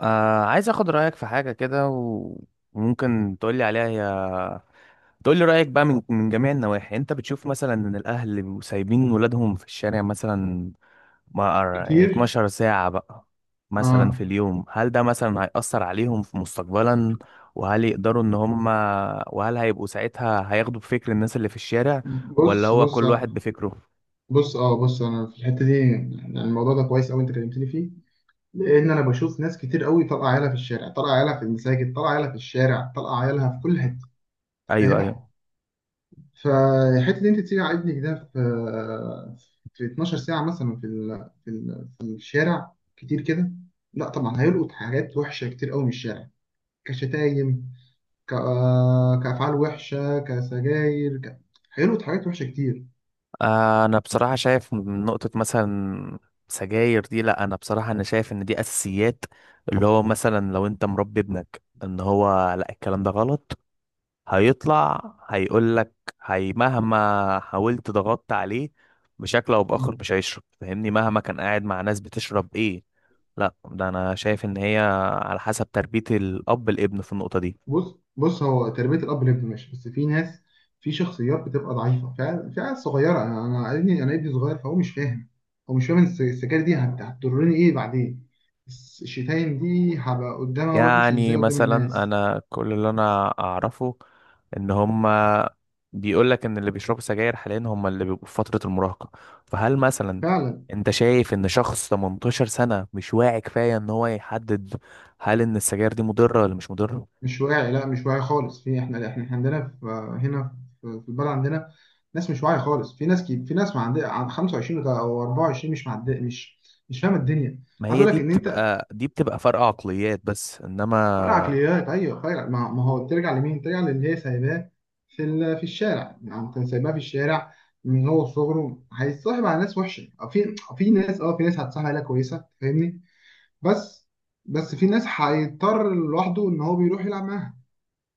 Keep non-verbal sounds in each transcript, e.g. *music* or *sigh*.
عايز اخد رأيك في حاجة كده وممكن تقولي عليها، هي تقولي رأيك بقى من جميع النواحي. انت بتشوف مثلا ان الاهل اللي بيبقوا سايبين ولادهم في الشارع مثلا، ما أر- يعني كتير. 12 ساعة بقى مثلا اه في اليوم، هل ده مثلا هيأثر عليهم في مستقبلا؟ وهل يقدروا ان هم، وهل هيبقوا ساعتها هياخدوا بفكر الناس اللي في الشارع ولا بص هو بص كل واحد بفكره؟ بص اه بص انا في الحته دي، يعني الموضوع ده كويس قوي انت كلمتني فيه. لان انا بشوف ناس كتير قوي طالعه عيالها في الشارع، طالعه عيالها في المساجد، طالعه عيالها في الشارع، طالعه عيالها في كل حته، ايوه، ايوه. فاهم؟ فالحته دي انت تسيب ابنك ده في 12 ساعه مثلا في الشارع كتير كده. لا طبعا هيلقط حاجات وحشه كتير قوي من الشارع، كشتايم، ك... آه، كافعال وحشه، كسجاير، هيلقط حاجات وحشه كتير. انا بصراحه شايف من نقطه مثلا سجاير دي، لا انا بصراحه انا شايف ان دي اساسيات، اللي هو مثلا لو انت مربي ابنك ان هو لا الكلام ده غلط، هيطلع هيقول لك هي مهما حاولت ضغطت عليه بشكل او باخر مش هيشرب، فاهمني؟ مهما كان قاعد مع ناس بتشرب ايه، لا ده انا شايف ان هي على حسب تربيه الاب الابن في النقطه دي. بص، هو تربية الأب والابن ماشي، بس في ناس، في شخصيات بتبقى ضعيفة، في عيال صغيرة. أنا أنا ابني أنا ابني صغير، فهو مش فاهم. هو مش فاهم السكاكين دي هتضرني إيه بعدين. الشتايم دي هبقى قدامها وحش يعني إزاي قدام مثلا الناس. انا كل اللي انا اعرفه ان هما بيقول لك ان اللي بيشربوا سجاير حاليا هما اللي بيبقوا في فترة المراهقة. فهل مثلا فعلا. انت شايف ان شخص 18 سنة مش واعي كفاية ان هو يحدد هل ان السجاير دي مضرة ولا مش مضرة؟ مش واعي، لا مش واعي خالص. في إحنا عندنا في هنا، في البلد عندنا ناس مش واعية خالص. في ناس، في ناس ما عندها، عند 25 أو 24، مش معد مش مش فاهمة الدنيا. ما عايز هي أقول دي لك إن أنت، بتبقى فرق عقليات بس فرق انما. عقليات، ايوه فرق. ما ما هو ترجع لمين؟ ترجع للي هي سايباه في الشارع، يعني كان سايباه في الشارع من هو صغره، هيتصاحب على ناس وحشه. في ناس، اه في ناس هتصاحب عليها كويسه، فاهمني. بس بس في ناس هيضطر لوحده ان هو بيروح يلعب معاها.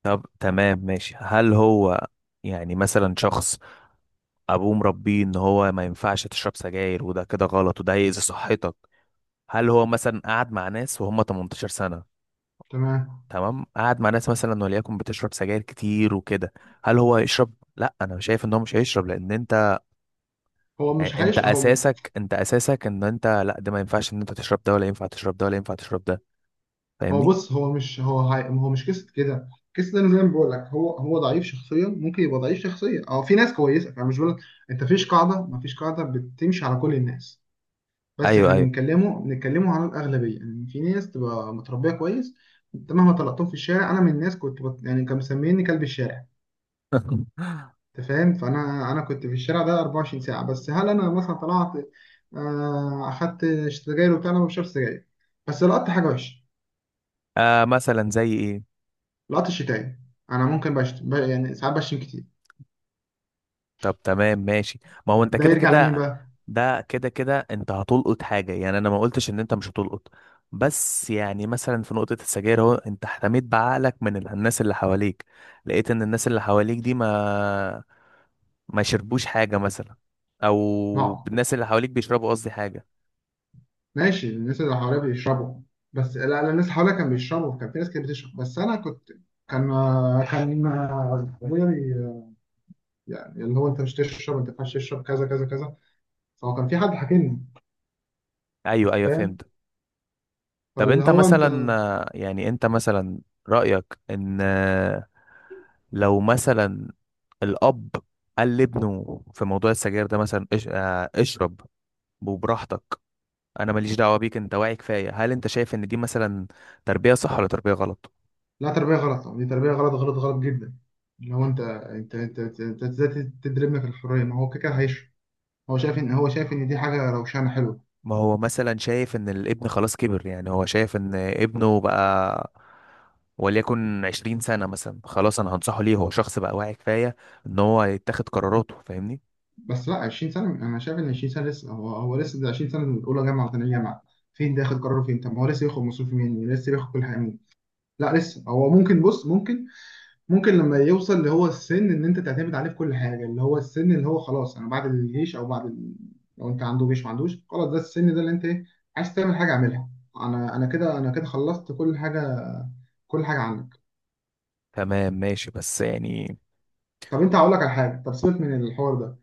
طب تمام، ماشي. هل هو يعني مثلا شخص ابوه مربيه ان هو ما ينفعش تشرب سجاير وده كده غلط وده هيأذي صحتك، هل هو مثلا قعد مع ناس وهم 18 سنة؟ تمام. تمام، قعد مع ناس مثلا وليكن بتشرب سجاير كتير وكده، هل هو يشرب؟ لا انا شايف ان هو مش هيشرب لان انت، هو مش يعني انت هيش هو م- اساسك ان انت لا ده ما ينفعش ان انت تشرب ده ولا ينفع تشرب ده ولا ينفع تشرب ده، هو فاهمني؟ بص هو مش هو مش قصه كده. قصه ده، انا زي ما بقول لك، هو ضعيف شخصيا، ممكن يبقى ضعيف شخصيا. اه في ناس كويسه، انا مش بقول لك، انت فيش قاعده، ما فيش قاعده بتمشي على كل الناس. بس ايوه، احنا ايوه. بنتكلموا عن الاغلبيه، يعني في ناس تبقى متربيه كويس. انت مهما طلقتهم في الشارع، انا من الناس كنت يعني كانوا مسميني كلب الشارع. *laughs* انت فاهم؟ فانا، انا كنت في الشارع ده 24 ساعه. بس هل انا مثلا طلعت، اخدت سجاير وبتاع؟ انا ما بشربش سجاير، بس لقطت حاجه وحشه، آه، مثلا زي ايه؟ لقطت الشتايم. انا ممكن يعني ساعات بشتم كتير. طب تمام ماشي. ما هو انت ده كده يرجع لمين كده، بقى؟ ده كده كده انت هتلقط حاجة، يعني انا ما قلتش ان انت مش هتلقط، بس يعني مثلا في نقطة السجاير اهو انت احتميت بعقلك من الناس اللي حواليك، لقيت ان الناس اللي حواليك دي ما شربوش حاجة مثلا، او معه. الناس اللي حواليك بيشربوا، قصدي حاجة. ماشي، الناس اللي حواليا بيشربوا. بس لا لا، الناس حواليا كان بيشربوا، كان في ناس كانت بتشرب، بس انا كنت، كان كان ابويا يعني اللي هو انت مش تشرب، انت ما ينفعش تشرب كذا كذا كذا، فهو كان في حد حاكمني، ايوه، ايوه، فاهم؟ فهمت. طب فاللي انت هو انت. مثلا، يعني انت مثلا رأيك ان، لو مثلا الأب قال لابنه في موضوع السجاير ده مثلا إش... آه، اشرب وبراحتك، انا ماليش دعوه بيك، انت واعي كفايه، هل انت شايف ان دي مثلا تربيه صح ولا تربيه غلط؟ لا تربيه غلط، دي تربيه غلط غلط غلط جدا. اللي هو انت ازاي تدربنا في الحريه؟ ما هو كده كده هيشرب، هو شايف ان دي حاجه روشانه حلوه. ما هو مثلا شايف ان الابن خلاص كبر، يعني هو شايف ان ابنه بقى وليكن 20 سنه مثلا، خلاص انا هنصحه ليه، هو شخص بقى واعي كفايه ان هو يتخذ قراراته، فاهمني؟ بس لا، 20 سنة، أنا شايف إن 20 سنة لسه، هو لسه، ده 20 سنة، من أولى جامعة وثانية جامعة، فين ده ياخد قراره فين؟ طب ما هو لسه بياخد مصروف منين، لسه بياخد كل حاجة منين؟ لا لسه هو ممكن، بص ممكن، لما يوصل اللي هو السن إن أنت تعتمد عليه في كل حاجة، اللي هو السن اللي هو خلاص، أنا بعد الجيش أو بعد لو أنت عنده جيش، ما عندوش خلاص، ده السن ده اللي أنت إيه، عايز تعمل حاجة اعملها. أنا كده خلصت كل حاجة، كل حاجة عنك. تمام ماشي، بس يعني. طب أنت هقول لك على حاجة، طب سيبك من الحوار ده.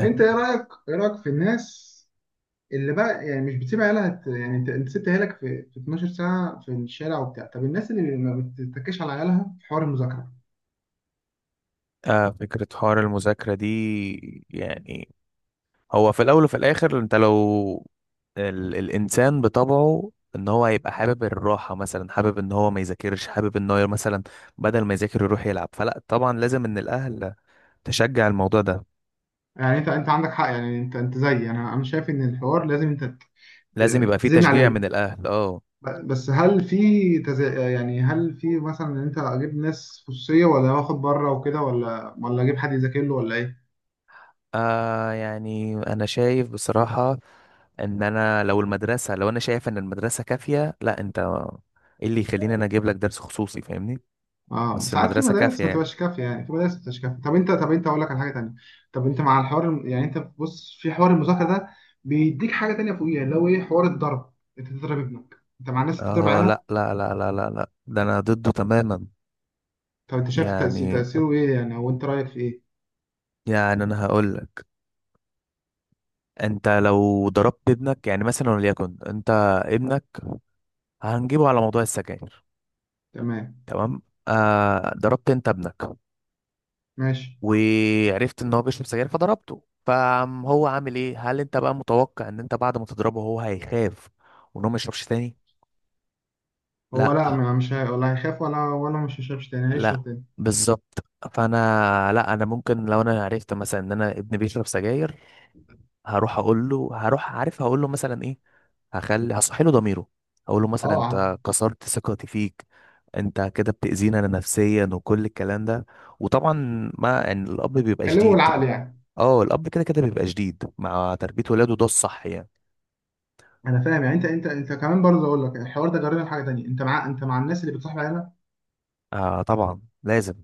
أنت إيه رأيك، إيه رأيك في الناس اللي بقى يعني مش بتسيب عيالها، يعني انت سبت عيالك في 12 ساعه في الشارع وبتاع. طب الناس اللي ما بتتكش على عيالها في حوار المذاكره؟ آه، فكره حوار المذاكره دي يعني، هو في الاول وفي الاخر انت لو الانسان بطبعه ان هو هيبقى حابب الراحه، مثلا حابب ان هو ما يذاكرش، حابب ان هو مثلا بدل ما يذاكر يروح يلعب، فلا طبعا لازم ان الاهل تشجع الموضوع ده، يعني انت عندك حق، يعني انت زيي، انا شايف ان الحوار لازم انت لازم ت- يبقى في تزن تشجيع عليه. من الاهل، اه. بس هل في يعني هل في مثلا ان انت اجيب ناس خصوصيه، ولا واخد بره وكده، ولا اجيب حد يذاكر له، ولا ايه؟ آه يعني انا شايف بصراحه ان انا لو المدرسه، لو انا شايف ان المدرسه كافيه لا انت، ايه اللي يخليني انا اجيب لك درس خصوصي؟ فاهمني؟ اه بس بس عارف، في المدرسه كافيه مدارس ما يعني، تبقاش كافيه، يعني في مدارس ما تبقاش كافيه. طب انت، اقول لك على حاجه تانيه. طب انت مع الحوار، يعني انت بص، في حوار المذاكره ده بيديك حاجه تانيه فوقيها، اللي هو ايه، حوار الضرب. انت تضرب ابنك، انت مع الناس بتضرب اه. عيالها؟ لا لا لا لا لا لا، ده انا ضده تماما. طب انت شايف تأثير، يعني، تأثيره ايه يعني، او انت رايك في ايه؟ انا هقول لك. انت لو ضربت ابنك يعني مثلا وليكن انت، ابنك هنجيبه على موضوع السجاير. تمام تمام. آه، ضربت انت ابنك ماشي. وعرفت ان هو بيشرب سجاير فضربته، فهو عامل ايه؟ هل انت بقى متوقع ان انت بعد ما تضربه هو هيخاف وان هو ما يشربش تاني؟ هو لا. لا، ما- مش هي... ولا هيخاف، ولا مش هيشربش تاني، لا. هيشرب تاني. بالظبط. فانا لا، انا ممكن لو انا عرفت مثلا ان انا ابني بيشرب سجاير، هروح اقول له، هروح عارف هقول له مثلا ايه، هصحي له ضميره، اقول له مثلا اه، انت كسرت ثقتي فيك، انت كده بتأذينا انا نفسيا وكل الكلام ده، وطبعا ما يعني الاب بيبقى كلمه شديد، بالعقل يعني. اه الاب كده كده بيبقى شديد مع تربية ولاده، ده الصح يعني. انا فاهم، يعني انت كمان برضه اقول لك الحوار ده جربنا حاجه تانيه. انت مع، الناس اللي بتصاحب عيالها آه طبعا لازم،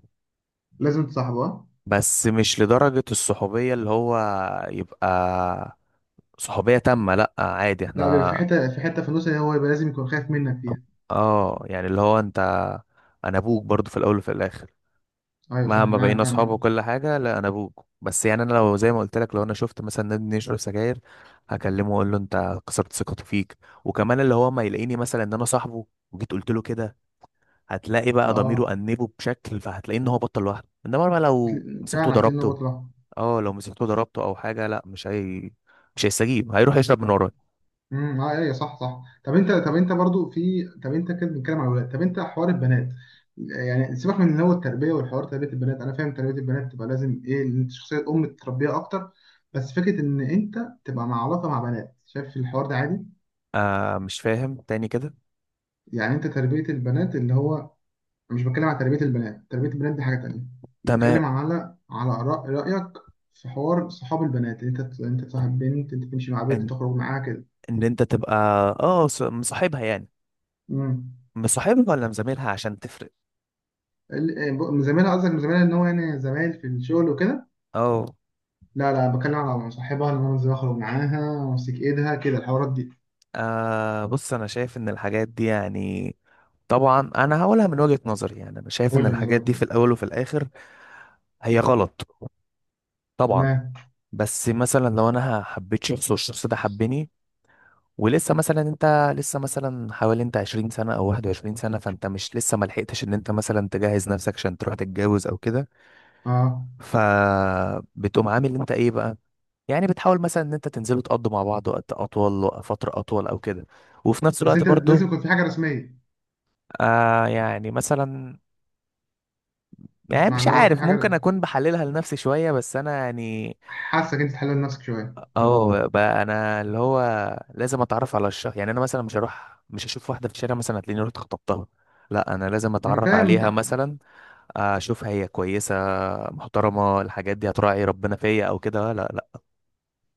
لازم تصاحبها. بس مش لدرجة الصحوبية اللي هو يبقى صحوبية تامة، لا عادي لا بيبقى احنا. في حته، في النص، اللي هو يبقى لازم يكون خايف منك فيها. اه يعني اللي هو انت، انا ابوك برضو في الاول وفي الاخر، ايوه صح، مهما معاك بقينا اصحاب فعلا. وكل حاجه لا انا ابوك، بس يعني انا لو زي ما قلت لك، لو انا شفت مثلا نادي يشرب سجاير هكلمه واقول له انت كسرت ثقته فيك، وكمان اللي هو ما يلاقيني مثلا ان انا صاحبه وجيت قلت له كده، هتلاقي بقى اه، ضميره انبه بشكل، فهتلاقي ان هو بطل لوحده، انما بقى لو مسكته فعلا هتلاقي ان هو ضربته، بطل. اه لو مسكته ضربته او حاجه، لا مش هي، مش هيستجيب، هيروح يشرب من ورايا. اه ايوه صح صح. طب انت، برضو في، طب انت كده بنتكلم على الولاد، طب انت حوار البنات. يعني سيبك من اللي هو التربيه والحوار، تربيه البنات انا فاهم، تربيه البنات تبقى لازم ايه، ان انت شخصيه ام تربيها اكتر. بس فكره ان انت تبقى مع علاقه مع بنات، شايف الحوار ده عادي؟ آه، مش فاهم تاني كده. يعني انت تربيه البنات اللي هو، مش بتكلم على تربية البنات، تربية البنات دي حاجة تانية، تمام، بتكلم على، آراء، رأيك في حوار صحاب البنات، إن انت تصاحب بنت، انت تمشي مع بنت، ان تخرج معاها كده. ان انت تبقى، اه مصاحبها يعني، امم مصاحبها ولا مزاملها عشان تفرق؟ من زميلها قصدك؟ من زميلها ان هو يعني زمايل في الشغل وكده؟ اه. لا لا، بتكلم على صاحبها اللي انا بنزل اخرج معاها وامسك ايدها كده، الحوارات دي. آه بص، انا شايف ان الحاجات دي يعني طبعا انا هقولها من وجهة نظري، يعني انا شايف قول ان لي من الحاجات وجهة دي في نظرك. الاول وفي الاخر هي غلط طبعا. تمام. بس مثلا لو انا حبيت شخص والشخص ده حبني، ولسه مثلا انت لسه مثلا حوالي انت 20 سنة او 21 سنة، فانت مش لسه ما لحقتش ان انت مثلا تجهز نفسك عشان تروح تتجوز او كده. اه فبتقوم عامل انت ايه بقى؟ يعني بتحاول مثلا ان انت تنزلوا تقضوا مع بعض وقت اطول وفترة اطول او كده، وفي نفس بس الوقت انت لازم برضو. يكون في حاجة رسمية. يعني مثلا، مش يعني مش معنى هو في عارف ممكن حاجة، اكون بحللها لنفسي شويه، بس انا يعني. حاسك انت تحلل نفسك شوية. اه بقى انا اللي هو لازم اتعرف على الشخص، يعني انا مثلا مش هروح مش هشوف واحده في الشارع مثلا هتلاقيني رحت خطبتها، لا انا لازم انا اتعرف فاهم. عليها مثلا، اشوف هي كويسه محترمه، الحاجات دي هتراعي ربنا فيا او كده، لا.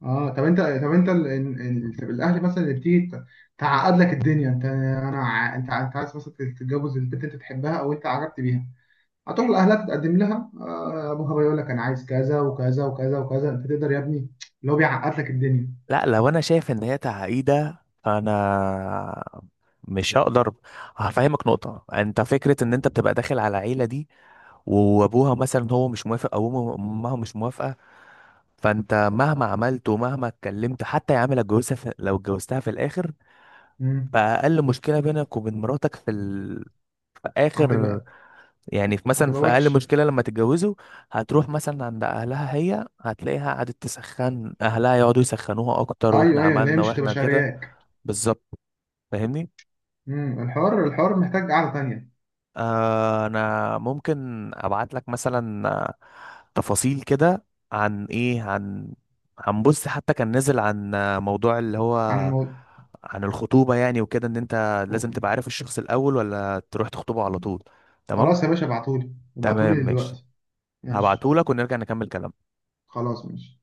اه طب انت، طب الاهل مثلا اللي بتيجي تعقد لك الدنيا. انت، انا ع- انت ع- انت عايز مثلا تتجوز البنت، انت تحبها او انت عجبت بيها، هتروح لاهلها تتقدم لها. ابوها بقى يقول لك انا عايز كذا وكذا وكذا وكذا، انت تقدر يا ابني، اللي هو بيعقد لك الدنيا. لا لو انا شايف ان هي تعقيده فانا مش هقدر. هفهمك نقطه، انت فكره ان انت بتبقى داخل على عيله دي وابوها مثلا هو مش موافق او امها مش موافقه، فانت مهما عملت ومهما اتكلمت، حتى يا عم لو اتجوزتها لو اتجوزتها في الاخر، امم فاقل مشكله بينك وبين مراتك في في اخر، هتبقى يعني في مثلا هتبقى في اقل وحش. مشكله لما تتجوزوا، هتروح مثلا عند اهلها هي، هتلاقيها قعدت تسخن اهلها يقعدوا يسخنوها اكتر، واحنا ايوه ايوه، اللي هي عملنا مش هتبقى واحنا كده. شارياك. بالظبط، فاهمني. الحوار محتاج قعده تانيه. آه انا ممكن ابعت لك مثلا، تفاصيل كده، عن ايه عن بص، حتى كان نزل عن، موضوع اللي عن هو الموضوع. عن الخطوبة يعني وكده، ان انت لازم تبقى عارف الشخص الاول ولا تروح تخطبه على طول. تمام. خلاص يا باشا، ابعتولي، تمام ماشي، دلوقتي. ماشي هبعته لك ونرجع نكمل كلام خلاص ماشي.